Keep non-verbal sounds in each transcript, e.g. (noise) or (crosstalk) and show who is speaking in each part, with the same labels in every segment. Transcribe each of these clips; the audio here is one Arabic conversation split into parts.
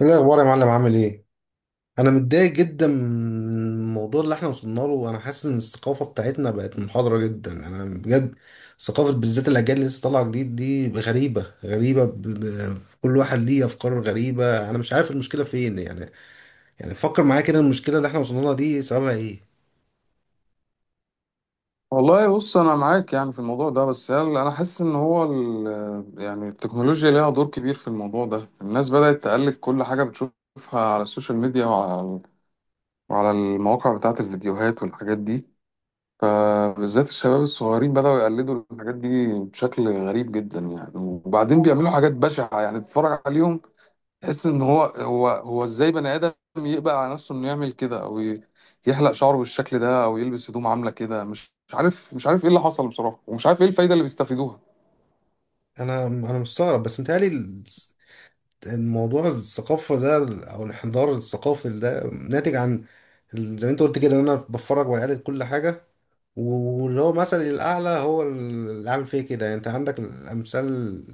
Speaker 1: ايه الاخبار يا معلم؟ عامل ايه؟ انا متضايق جدا من الموضوع اللي احنا وصلنا له، وانا حاسس ان الثقافه بتاعتنا بقت منحضره جدا. انا بجد ثقافه، بالذات الاجيال اللي لسه طالعه جديد دي غريبه غريبه، كل واحد ليه افكار غريبه. انا مش عارف المشكله فين يعني. يعني فكر معايا كده، المشكله اللي احنا وصلنا لها دي سببها ايه؟
Speaker 2: والله بص انا معاك يعني في الموضوع ده. بس انا حاسس ان هو يعني التكنولوجيا ليها دور كبير في الموضوع ده. الناس بدأت تقلد كل حاجة بتشوفها على السوشيال ميديا وعلى المواقع بتاعة الفيديوهات والحاجات دي. فبالذات الشباب الصغيرين بدأوا يقلدوا الحاجات دي بشكل غريب جدا يعني، وبعدين بيعملوا حاجات بشعة يعني تتفرج عليهم تحس ان هو ازاي بني ادم يقبل على نفسه انه يعمل كده، او يحلق شعره بالشكل ده، او يلبس هدوم عامله كده. مش عارف ايه اللي حصل بصراحه، ومش عارف ايه الفايده اللي بيستفيدوها.
Speaker 1: انا مستغرب، بس متهيألي الموضوع الثقافه ده او الانحدار الثقافي ده ناتج عن زي ما انت قلت كده ان انا بتفرج، وقلت كل حاجه، واللي هو مثل الأعلى هو اللي عامل فيه كده. يعني أنت عندك الأمثال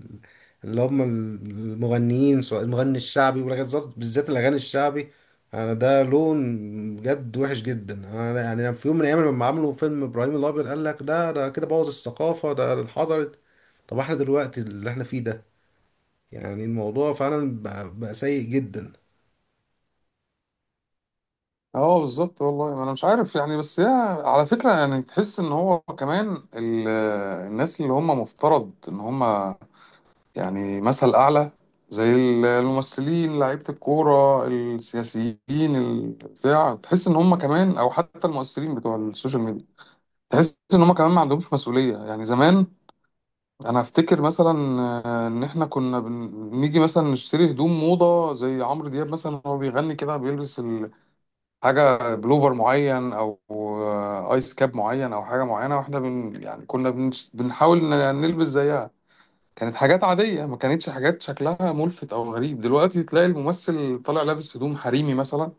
Speaker 1: اللي هم المغنيين، سواء المغني الشعبي، ولغاية بالذات الأغاني الشعبي. أنا ده لون بجد وحش جدا. أنا يعني أنا في يوم من الأيام لما عملوا فيلم إبراهيم الأبيض قال لك ده، ده كده بوظ الثقافة، ده انحدرت. طب احنا دلوقتي اللي احنا فيه ده، يعني الموضوع فعلا بقى سيء جدا.
Speaker 2: اه بالظبط والله، انا مش عارف يعني، بس هي على فكره يعني، تحس ان هو كمان الناس اللي هم مفترض ان هم يعني مثل اعلى، زي الممثلين لعيبه الكوره السياسيين البتاع، تحس ان هم كمان او حتى المؤثرين بتوع السوشيال ميديا، تحس ان هم كمان ما عندهمش مسؤوليه. يعني زمان انا افتكر مثلا ان احنا كنا بنيجي مثلا نشتري هدوم موضه زي عمرو دياب مثلا، هو بيغني كده بيلبس حاجه بلوفر معين، او ايس كاب معين، او حاجه معينه، واحنا يعني كنا بنحاول نلبس زيها. كانت حاجات عاديه ما كانتش حاجات شكلها ملفت او غريب. دلوقتي تلاقي الممثل طالع لابس هدوم حريمي مثلا،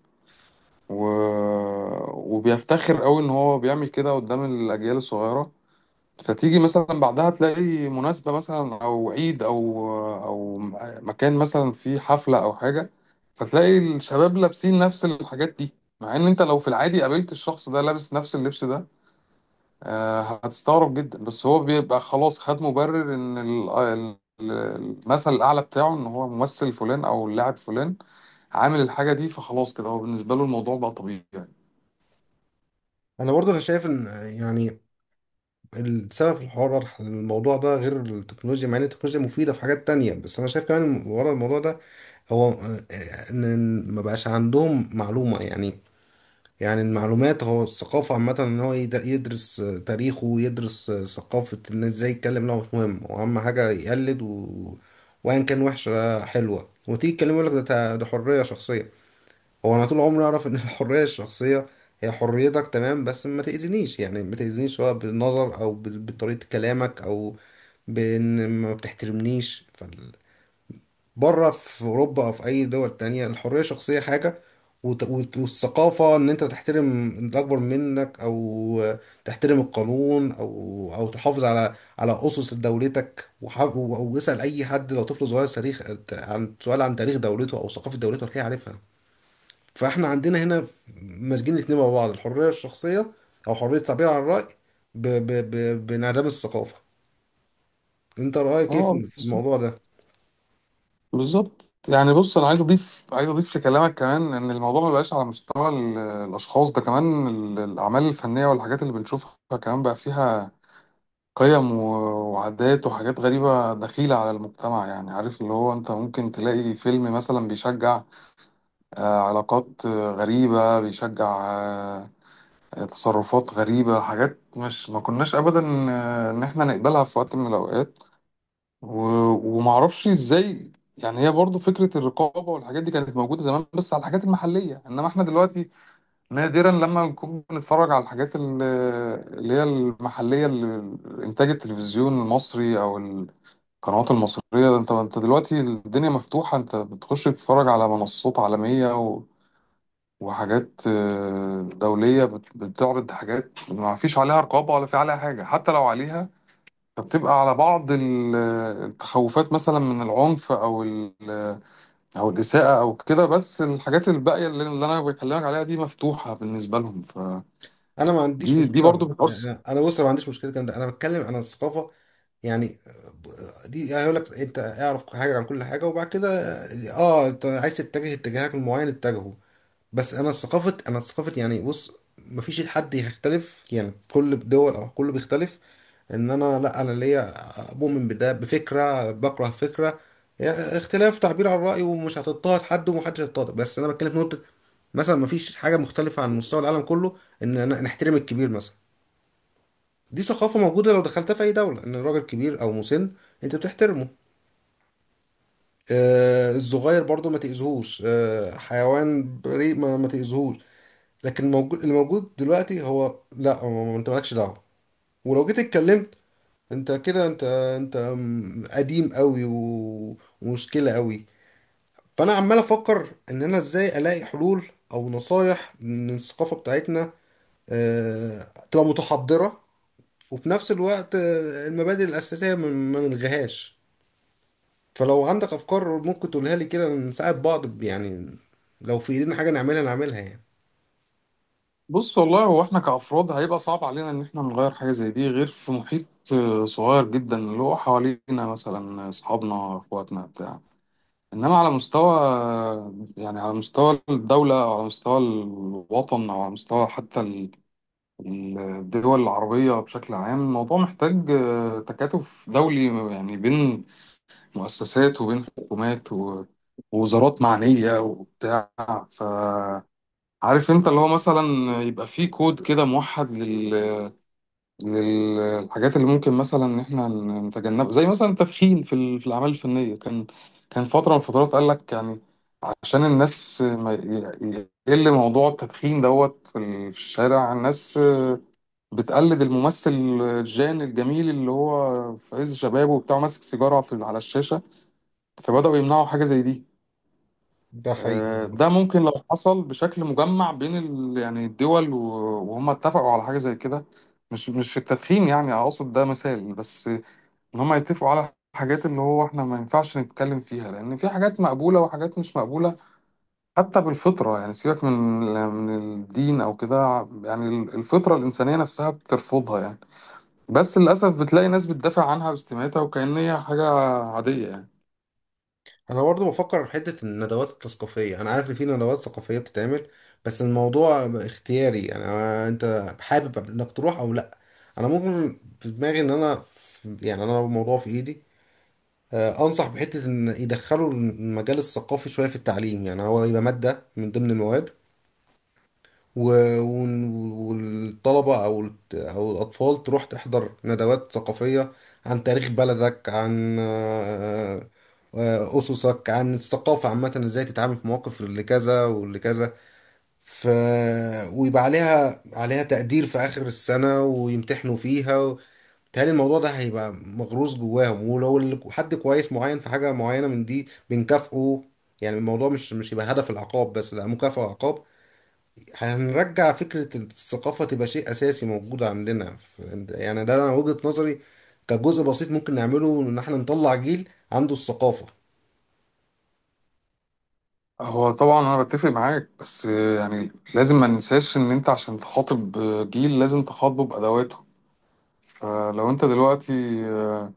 Speaker 2: و... وبيفتخر قوي ان هو بيعمل كده قدام الاجيال الصغيره. فتيجي مثلا بعدها تلاقي مناسبة مثلا أو عيد، أو مكان مثلا فيه حفلة أو حاجة، فتلاقي الشباب لابسين نفس الحاجات دي. مع إن أنت لو في العادي قابلت الشخص ده لابس نفس اللبس ده، هتستغرب جدا. بس هو بيبقى خلاص خد مبرر إن المثل الأعلى بتاعه إن هو ممثل فلان أو اللاعب فلان عامل الحاجة دي، فخلاص كده هو بالنسبة له الموضوع بقى طبيعي يعني.
Speaker 1: أنا برضه شايف إن يعني السبب في الحوار ورا الموضوع ده غير التكنولوجيا، مع ان التكنولوجيا مفيدة في حاجات تانية، بس انا شايف كمان ورا الموضوع ده هو ان ما بقاش عندهم معلومة يعني. يعني المعلومات، هو الثقافة عامة ان هو يدرس تاريخه، ويدرس ثقافة الناس، ازاي يتكلم. لا، هو مش مهم، هو اهم حاجة يقلد وان كان وحشة حلوة، وتيجي تكلمه يقول لك ده، ده حرية شخصية. هو انا طول عمري اعرف ان (laughs) الحريه الشخصيه هي حريتك، تمام، بس ما تاذينيش. يعني ما تاذينيش سواء بالنظر او بطريقه كلامك، او بان ما بتحترمنيش. بره في اوروبا او في اي دول تانية، الحريه الشخصيه حاجه، والثقافه ان انت تحترم الاكبر منك، او تحترم القانون، او او تحافظ على على اسس دولتك. واسال اي حد لو طفل صغير تاريخ، عن سؤال عن تاريخ دولته او ثقافه دولته، هتلاقيه عارفها. فاحنا عندنا هنا ماسكين الاتنين مع بعض، الحرية الشخصية أو حرية التعبير عن الرأي بانعدام الثقافة. أنت رأيك إيه
Speaker 2: اه
Speaker 1: في في الموضوع ده؟
Speaker 2: بالظبط يعني. بص انا عايز اضيف لكلامك كمان ان الموضوع ما بقاش على مستوى الاشخاص، ده كمان الاعمال الفنيه والحاجات اللي بنشوفها كمان بقى فيها قيم وعادات وحاجات غريبه دخيله على المجتمع. يعني عارف اللي هو انت ممكن تلاقي فيلم مثلا بيشجع علاقات غريبه، بيشجع تصرفات غريبه، حاجات مش ما كناش ابدا ان احنا نقبلها في وقت من الاوقات. ومعرفش ازاي يعني. هي برضو فكرة الرقابة والحاجات دي كانت موجودة زمان بس على الحاجات المحلية، انما احنا دلوقتي نادرا لما نكون بنتفرج على الحاجات اللي هي المحلية، انتاج التلفزيون المصري او القنوات المصرية. ده انت دلوقتي الدنيا مفتوحة، انت بتخش تتفرج على منصات عالمية وحاجات دولية بتعرض حاجات ما فيش عليها رقابة ولا في عليها حاجة، حتى لو عليها فبتبقى على بعض التخوفات مثلا من العنف او او الاساءه او كده. بس الحاجات الباقيه اللي انا بكلمك عليها دي مفتوحه بالنسبه لهم. فدي
Speaker 1: أنا ما عنديش
Speaker 2: دي
Speaker 1: مشكلة،
Speaker 2: برضو بتأثر.
Speaker 1: يعني أنا بص أنا ما عنديش مشكلة الكلام ده، أنا بتكلم عن الثقافة يعني. ب- دي هيقول لك أنت اعرف حاجة عن كل حاجة، وبعد كده أه أنت عايز تتجه اتجاهك المعين اتجهه. بس انا ثقافه، انا ثقافه يعني بص، مفيش حد هيختلف، يعني كل دول او كله بيختلف ان انا، لا انا ليا مؤمن بده، بفكره، بكره فكره. يعني اختلاف، تعبير عن الراي، ومش هتضطهد حد ومحدش هيضطهد. بس انا بتكلم في نقطه مثلا مفيش حاجه مختلفه عن مستوى العالم كله، ان أنا نحترم الكبير مثلا. دي ثقافه موجوده لو دخلتها في اي دوله، ان الراجل كبير او مسن انت بتحترمه. آه الصغير برضو ما تأذيهوش، آه حيوان بريء ما تأذيهوش. لكن الموجود اللي موجود دلوقتي هو لا، هو انت مالكش دعوه، ولو جيت اتكلمت انت كده انت قديم قوي ومشكله قوي. فانا عمال افكر ان انا ازاي الاقي حلول او نصايح من الثقافه بتاعتنا آه، تبقى متحضره، وفي نفس الوقت المبادئ الاساسيه ما نلغيهاش. فلو عندك افكار ممكن تقولها لي كده، نساعد بعض يعني، لو في ايدينا حاجه نعملها نعملها يعني.
Speaker 2: بص والله هو احنا كافراد هيبقى صعب علينا ان احنا نغير حاجه زي دي، غير في محيط صغير جدا اللي هو حوالينا، مثلا اصحابنا اخواتنا بتاع. انما على مستوى يعني على مستوى الدوله او على مستوى الوطن او على مستوى حتى الدول العربية بشكل عام، الموضوع محتاج تكاتف دولي. يعني بين مؤسسات وبين حكومات ووزارات معنية وبتاع. فعارف انت اللي هو مثلا يبقى فيه كود كده موحد للحاجات اللي ممكن مثلا ان احنا نتجنبها، زي مثلا التدخين في في الأعمال الفنية. كان فترة من الفترات قال لك يعني، عشان الناس ما يقل موضوع التدخين دوت في في الشارع، الناس بتقلد الممثل جان الجميل اللي هو في عز شبابه وبتاع ماسك سيجارة في على الشاشة، فبدأوا يمنعوا حاجة زي دي.
Speaker 1: ده حقيقي.
Speaker 2: ده ممكن لو حصل بشكل مجمع بين يعني الدول، وهم اتفقوا على حاجة زي كده. مش التدخين يعني، أقصد ده مثال بس، إن هم يتفقوا على الحاجات اللي هو احنا ما ينفعش نتكلم فيها، لأن في حاجات مقبولة وحاجات مش مقبولة حتى بالفطرة. يعني سيبك من من الدين أو كده، يعني الفطرة الإنسانية نفسها بترفضها يعني. بس للأسف بتلاقي ناس بتدافع عنها باستماتة وكأن هي حاجة عادية يعني.
Speaker 1: انا برضو بفكر في حته الندوات الثقافيه. انا عارف ان في ندوات ثقافيه بتتعمل، بس الموضوع اختياري، انا انت حابب انك تروح او لا. انا ممكن في دماغي ان انا يعني انا الموضوع في ايدي. انصح بحته ان يدخلوا المجال الثقافي شويه في التعليم، يعني هو يبقى ماده من ضمن المواد، والطلبة أو أو الأطفال تروح تحضر ندوات ثقافية عن تاريخ بلدك، عن أسسك، عن الثقافة عامة، إزاي تتعامل في مواقف اللي كذا واللي كذا. ف... ويبقى عليها تقدير في آخر السنة، ويمتحنوا فيها بيتهيألي الموضوع ده هيبقى مغروس جواهم. ولو حد كويس معين في حاجة معينة من دي بنكافئه، يعني الموضوع مش، مش يبقى هدف العقاب بس، لا، مكافأة وعقاب. هنرجع فكرة الثقافة تبقى شيء أساسي موجود عندنا. يعني ده أنا وجهة نظري، كجزء بسيط ممكن نعمله إن إحنا نطلع جيل عنده الثقافة.
Speaker 2: هو طبعا أنا بتفق معاك، بس يعني لازم ما ننساش إن أنت عشان تخاطب جيل لازم تخاطبه بأدواته. فلو أنت دلوقتي آه،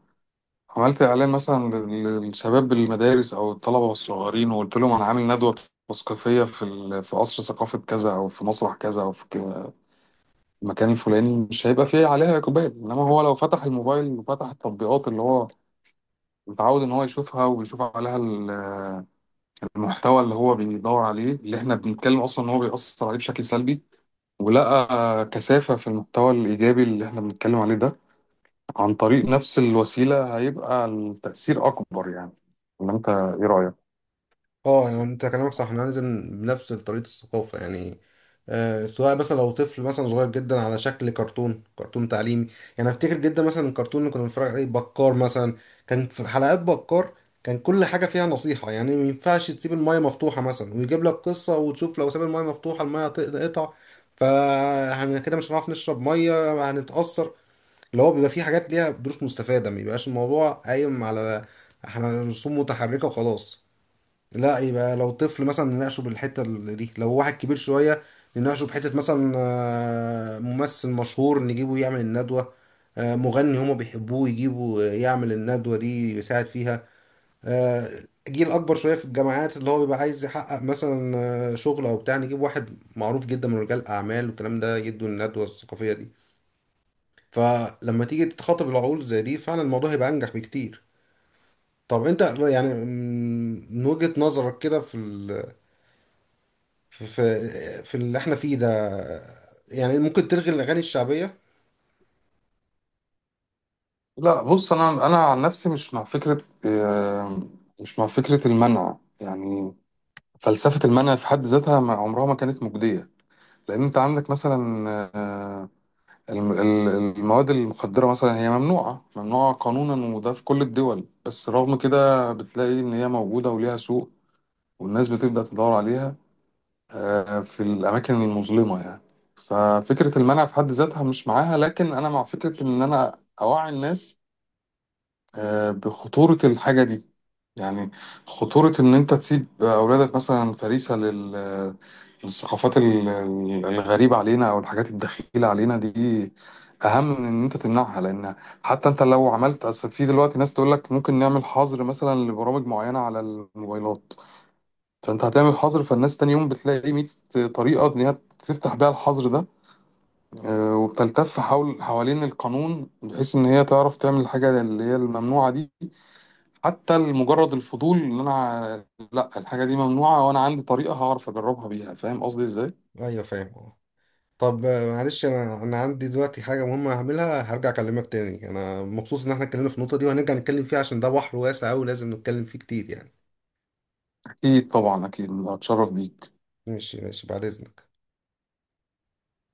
Speaker 2: عملت إعلان مثلا للشباب بالمدارس أو الطلبة الصغيرين، وقلت لهم أنا عامل ندوة تثقيفية في في قصر ثقافة كذا أو في مسرح كذا أو في كده، المكان الفلاني، مش هيبقى فيه عليها إقبال. إنما هو لو فتح الموبايل وفتح التطبيقات اللي هو متعود ان هو يشوفها، ويشوف عليها المحتوى اللي هو بيدور عليه، اللي احنا بنتكلم اصلا ان هو بيأثر عليه بشكل سلبي، ولقى كثافة في المحتوى الإيجابي اللي احنا بنتكلم عليه ده عن طريق نفس الوسيلة، هيبقى التأثير أكبر يعني. ولا أنت إيه رأيك؟
Speaker 1: اه يعني انت كلامك صح، احنا لازم بنفس طريقة الثقافة يعني. آه سواء مثلا لو طفل مثلا صغير جدا، على شكل كرتون، كرتون تعليمي. يعني افتكر جدا مثلا الكرتون اللي كنا بنتفرج عليه بكار مثلا، كان في حلقات بكار، كان كل حاجة فيها نصيحة، يعني ما ينفعش تسيب المايه مفتوحة مثلا، ويجيب لك قصة وتشوف لو ساب المايه مفتوحة المايه هتقطع فاحنا كده مش هنعرف نشرب مية هنتأثر. اللي هو بيبقى فيه حاجات ليها دروس مستفادة، ما بيبقاش الموضوع قايم على احنا رسوم متحركة وخلاص. لا، يبقى لو طفل مثلا نناقشه بالحته دي، لو واحد كبير شويه نناقشه بحته، مثلا ممثل مشهور نجيبه يعمل الندوه، مغني هما بيحبوه يجيبوا يعمل الندوه دي يساعد فيها. آه، جيل اكبر شويه في الجامعات اللي هو بيبقى عايز يحقق مثلا شغل او بتاع، نجيب واحد معروف جدا من رجال الاعمال والكلام ده يدوا الندوه الثقافيه دي. فلما تيجي تتخاطب العقول زي دي، فعلا الموضوع هيبقى انجح بكتير. طب انت يعني من وجهة نظرك كده في في في اللي احنا فيه ده، يعني ممكن تلغي الأغاني الشعبية؟
Speaker 2: لا بص، أنا عن نفسي مش مع فكرة المنع يعني. فلسفة المنع في حد ذاتها عمرها ما كانت مجدية، لأن أنت عندك مثلا المواد المخدرة مثلا هي ممنوعة، قانونا، وده في كل الدول. بس رغم كده بتلاقي إن هي موجودة وليها سوق، والناس بتبدأ تدور عليها في الأماكن المظلمة يعني. ففكرة المنع في حد ذاتها مش معاها، لكن أنا مع فكرة إن أنا أوعي الناس بخطورة الحاجة دي. يعني خطورة إن أنت تسيب أولادك مثلا فريسة للثقافات الغريبة علينا أو الحاجات الدخيلة علينا دي، أهم من إن أنت تمنعها. لأن حتى أنت لو عملت، أصل في دلوقتي ناس تقول لك ممكن نعمل حظر مثلا لبرامج معينة على الموبايلات. فأنت هتعمل حظر فالناس تاني يوم بتلاقي 100 طريقة إن هي تفتح بيها الحظر ده، وبتلتف حوالين القانون بحيث إن هي تعرف تعمل الحاجة اللي هي الممنوعة دي. حتى مجرد الفضول، ان انا لا، الحاجه دي ممنوعه وانا عندي طريقه هعرف اجربها بيها، فاهم قصدي ازاي؟
Speaker 1: أيوة، فاهم اه. طب معلش، أنا عندي دلوقتي حاجة مهمة هعملها، هرجع أكلمك تاني. أنا مبسوط إن احنا اتكلمنا في النقطة دي، وهنرجع نتكلم فيها عشان ده بحر واسع أوي لازم نتكلم فيه كتير يعني.
Speaker 2: اكيد طبعا، اكيد، اتشرف بيك.
Speaker 1: ماشي ماشي، بعد إذنك.